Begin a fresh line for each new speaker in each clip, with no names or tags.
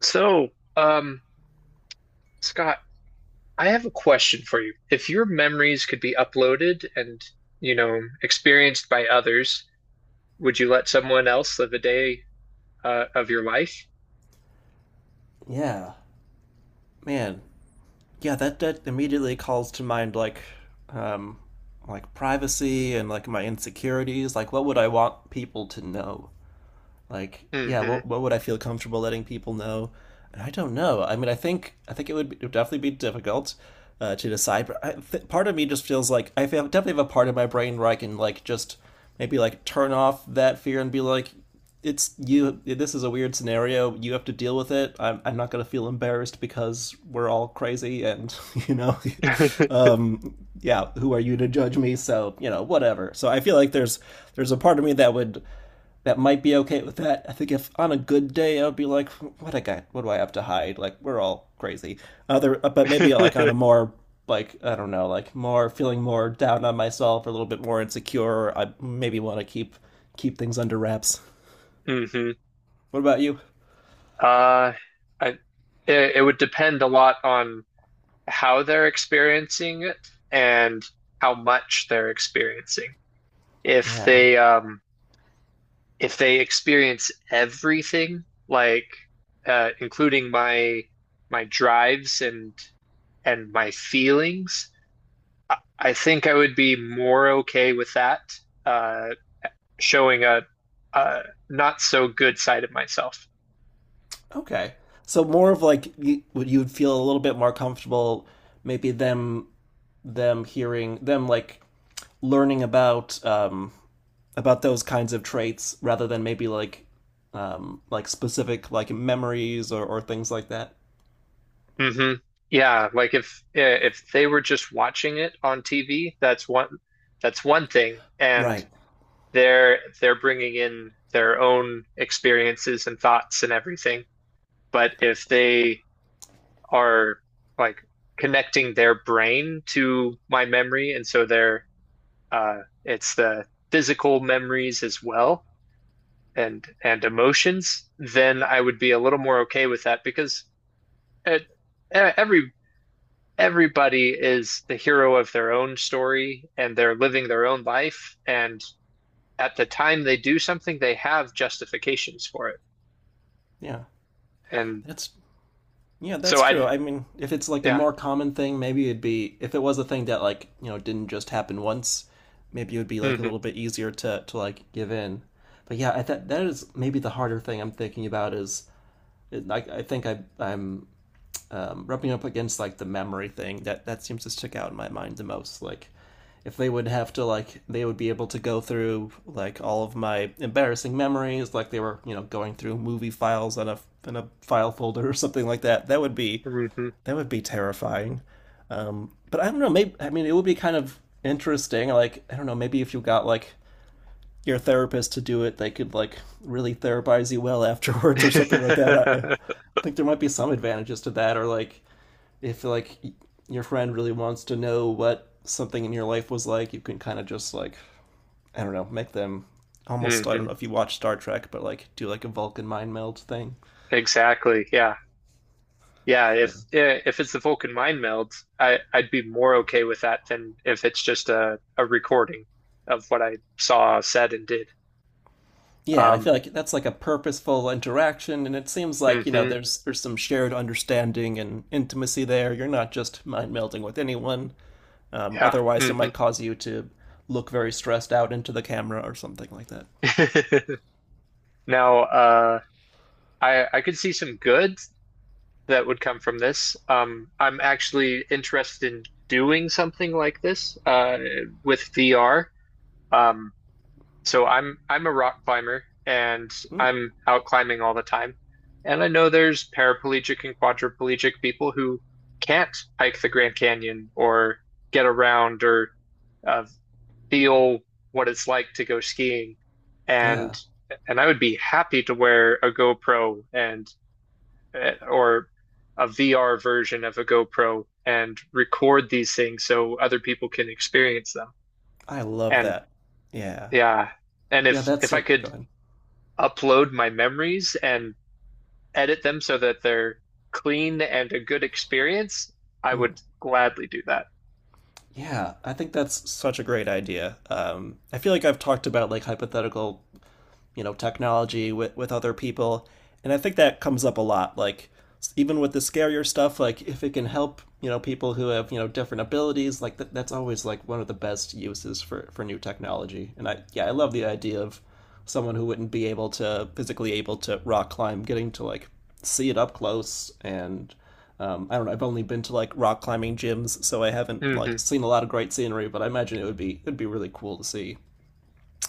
So, um, Scott, I have a question for you. If your memories could be uploaded and, you know, experienced by others, would you let someone else live a day of your life?
Yeah, man. Yeah, that immediately calls to mind um, like privacy and like my insecurities. Like, what would I want people to know? Like, yeah,
Hmm.
what would I feel comfortable letting people know? And I don't know. I mean I think it would definitely be difficult to decide. But part of me just feels like I definitely have a part of my brain where I can like just maybe like turn off that fear and be like, it's you, this is a weird scenario, you have to deal with it. I'm not going to feel embarrassed because we're all crazy and you know um yeah, who are you to judge me? So you know, whatever. So I feel like there's a part of me that would that might be okay with that. I think if on a good day, I'd be like, what do I have to hide? Like we're all crazy. Other, but maybe like on a more like, I don't know, like more feeling more down on myself, or a little bit more insecure. I maybe want to keep things under wraps.
Hmm.
What about you?
Uh, I, it would depend a lot on how they're experiencing it and how much they're experiencing. If
Yeah.
they, um, if they experience everything, like including my drives and my feelings, I think I would be more okay with that uh, showing a not so good side of myself.
Okay. So more of like, you, would you feel a little bit more comfortable maybe them hearing them like learning about those kinds of traits rather than maybe like specific like memories or things like that.
Hmm. Yeah, like if yeah, if they were just watching it on TV, that's one thing, and
Right.
they're bringing in their own experiences and thoughts and everything. But if they are like connecting their brain to my memory, and so they're it's the physical memories as well and emotions, then I would be a little more okay with that because it, e- every everybody is the hero of their own story and they're living their own life, and at the time they do something, they have justifications for it,
Yeah.
and
That's yeah, that's
so
true.
I'd
I mean, if it's like a
yeah.
more common thing, maybe it'd be if it was a thing that like, you know, didn't just happen once, maybe it would be like a
Hmm.
little bit easier to like give in. But yeah, that is maybe the harder thing I'm thinking about is I think I'm rubbing up against like the memory thing that seems to stick out in my mind the most. Like, if they would have to like, they would be able to go through like all of my embarrassing memories like they were, you know, going through movie files on a in a file folder or something like that. That would be
Hmm.
that would be terrifying. But I don't know. Maybe, I mean, it would be kind of interesting. Like, I don't know, maybe if you got like your therapist to do it, they could like really therapize you well afterwards or something like that. I think there might be some advantages to that. Or like, if like your friend really wants to know what something in your life was like, you can kind of just like, I don't know, make them almost, I don't
Hmm.
know if you watch Star Trek, but like do like a Vulcan mind meld thing.
Exactly. Yeah. Yeah, if
Yeah.
if it's the Vulcan mind meld, I'd be more okay with that than if it's just a recording of what I saw, said, and did.
Yeah, and I
Um,
feel like that's like a purposeful interaction, and it seems like, you know,
hmm,
there's some shared understanding and intimacy there. You're not just mind melding with anyone.
yeah,
Otherwise, it
hmm.
might cause you to look very stressed out into the camera or something like that.
Now, I could see some good that would come from this. I'm actually interested in doing something like this, with VR. Um, So I'm a rock climber and
Mm,
I'm out climbing all the time. And I know there's paraplegic and quadriplegic people who can't hike the Grand Canyon or get around or uh, feel what it's like to go skiing. And
yeah,
and I would be happy to wear a GoPro and or a VR version of a GoPro and record these things so other people can experience them.
I love
And
that. Yeah,
yeah, and
yeah,
if
that's
I
so. Go
could
ahead.
upload my memories and edit them so that they're clean and a good experience, I
Mm.
would gladly do that.
Yeah, I think that's such a great idea. I feel like I've talked about like hypothetical, you know, technology with other people, and I think that comes up a lot. Like, even with the scarier stuff, like if it can help, you know, people who have, you know, different abilities, like that, that's always like one of the best uses for new technology. And I, yeah, I love the idea of someone who wouldn't be able to physically able to rock climb getting to like see it up close and, I don't know. I've only been to like rock climbing gyms, so I haven't like
Hmm.
seen a lot of great scenery. But I imagine it would be, it'd be really cool to see.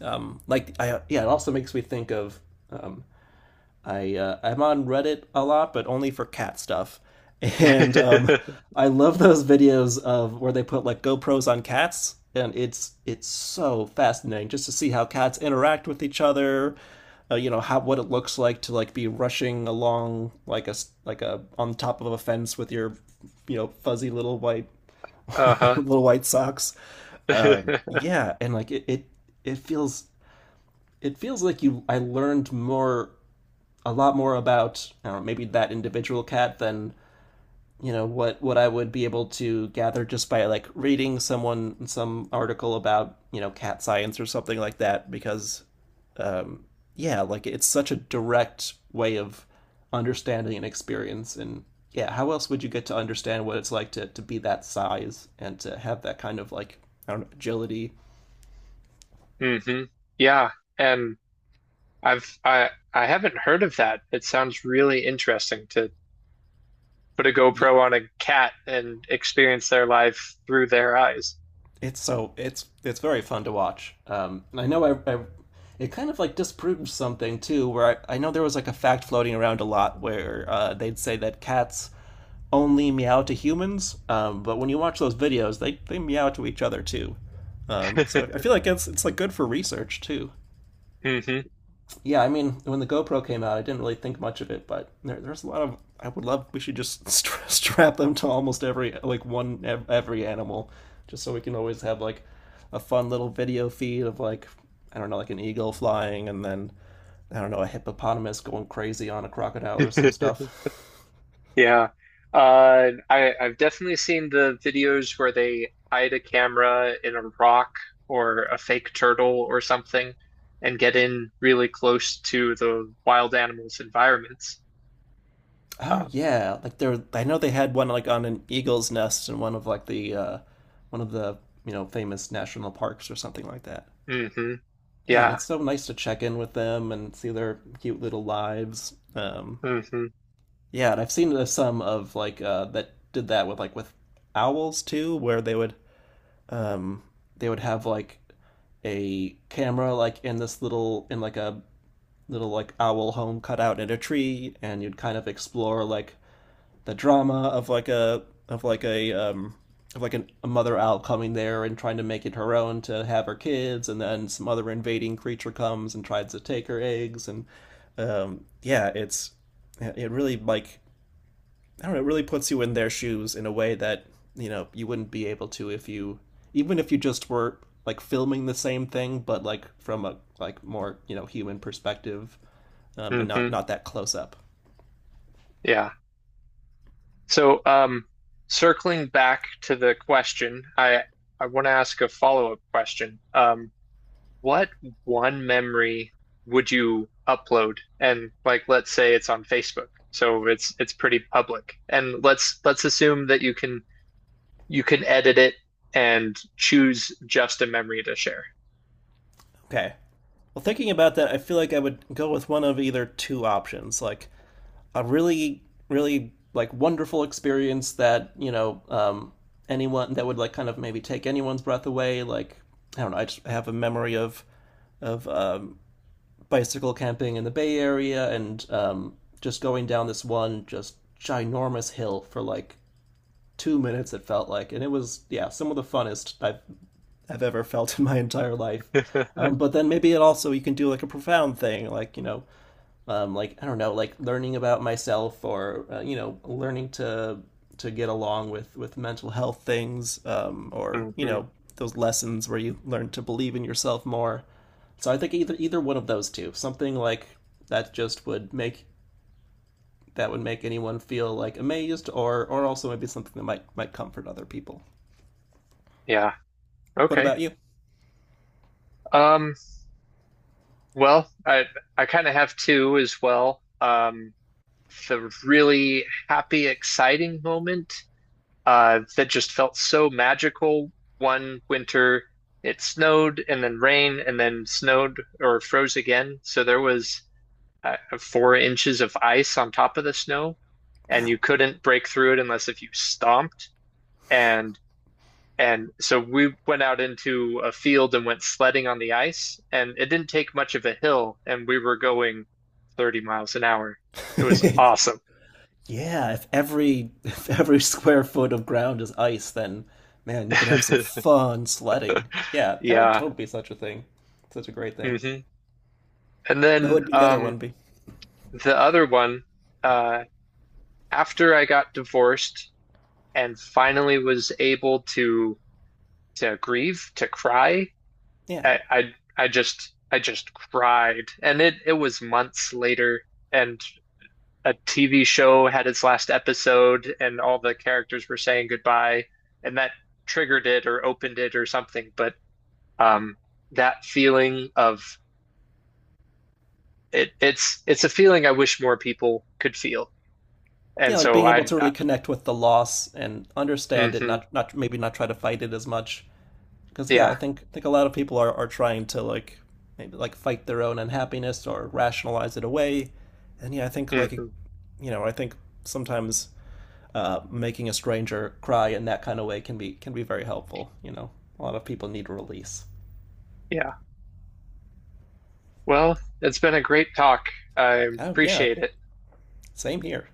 Like, I yeah, it also makes me think of, um, I I'm on Reddit a lot, but only for cat stuff, and, I love those videos of where they put like GoPros on cats, and it's so fascinating just to see how cats interact with each other. You know, how what it looks like to like be rushing along like like a, on top of a fence with your, you know, fuzzy little white
Uh-huh.
little white socks. Yeah, and like it it feels it feels like you, I learned more, a lot more about, I don't know, maybe that individual cat than, you know, what I would be able to gather just by like reading someone some article about, you know, cat science or something like that because, um, yeah, like it's such a direct way of understanding an experience. And yeah, how else would you get to understand what it's like to be that size and to have that kind of like, I don't know, agility.
Hmm. Yeah, and I haven't heard of that. It sounds really interesting to put a
Yeah.
GoPro on a cat and experience their life through their eyes.
It's so, it's very fun to watch. And I know, I, it kind of like disproves something too, where I know there was like a fact floating around a lot where, they'd say that cats only meow to humans, but when you watch those videos, they meow to each other too. So I feel like it's like good for research too.
Hmm.
Yeah, I mean, when the GoPro came out, I didn't really think much of it, but there's a lot of. I would love. We should just strap them to almost every like every animal, just so we can always have like a fun little video feed of like, I don't know, like an eagle flying, and then I don't know, a hippopotamus going crazy on a crocodile or some stuff.
Yeah. I've definitely seen the videos where they hide a camera in a rock or a fake turtle or something and get in really close to the wild animals' environments.
Oh
Uh,
yeah, like there. I know they had one like on an eagle's nest in one of like the, one of the, you know, famous national parks or something like that.
hmm.
Yeah, and
Yeah.
it's so nice to check in with them and see their cute little lives.
Hmm.
Yeah, and I've seen, some of like, that did that with like with owls too, where they would, um, they would have like a camera like in this little in like a little like owl home cut out in a tree, and you'd kind of explore like the drama of like a, of like a mother owl coming there and trying to make it her own to have her kids, and then some other invading creature comes and tries to take her eggs, and, yeah, it's yeah, it really like, I don't know, it really puts you in their shoes in a way that, you know, you wouldn't be able to if you, even if you just were like filming the same thing, but like from a like more, you know, human perspective, and not
Hmm.
that close up.
Yeah. So, circling back to the question, I want to ask a follow-up question. What one memory would you upload? And like, let's say it's on Facebook, so it's pretty public. And let's assume that you can edit it and choose just a memory to share.
Okay. Well, thinking about that, I feel like I would go with one of either two options, like a really like wonderful experience that, you know, anyone that would like kind of maybe take anyone's breath away. Like, I don't know, I just have a memory of of um, bicycle camping in the Bay Area and, just going down this one just ginormous hill for like 2 minutes, it felt like, and it was, yeah, some of the funnest I've ever felt in my entire life. But then maybe it also you can do like a profound thing, like, you know, like I don't know, like learning about myself or, you know, learning to get along with mental health things, or, you
Hmm.
know, those lessons where you learn to believe in yourself more. So I think either one of those two, something like that, just would make that would make anyone feel like amazed or, also maybe something that might comfort other people.
Yeah.
What
Okay.
about you?
Um, well, I kind of have two as well. The really happy, exciting moment that just felt so magical. One winter, it snowed and then rained and then snowed or froze again. So there was 4 inches of ice on top of the snow, and
Wow.
you couldn't break through it unless if you stomped. And and so we went out into a field and went sledding on the ice, and it didn't take much of a hill, and we were going 30 miles an hour. It was awesome.
Yeah, if every if every square foot of ground is ice, then man, you could have some fun sledding. Yeah, that would
Yeah.
totally be such a thing. Such a great thing.
Hmm. And
What
then
would be the other one be.
the other one, uh, after I got divorced and finally was able to grieve, to cry,
Yeah.
I I, I just cried. And it was months later and a TV show had its last episode and all the characters were saying goodbye and that triggered it or opened it or something. But um, that feeling of it's a feeling I wish more people could feel. And
Yeah, like
so
being able to
I
really connect with the loss and understand it,
mhm,
not maybe not try to fight it as much. Because yeah,
yeah.
I think a lot of people are trying to like maybe like fight their own unhappiness or rationalize it away. And yeah, I think like,
Hmm.
you know, I think sometimes, making a stranger cry in that kind of way can be, very helpful. You know, a lot of people need release.
Yeah. Well, it's been a great talk. I
Oh yeah,
appreciate it.
same here.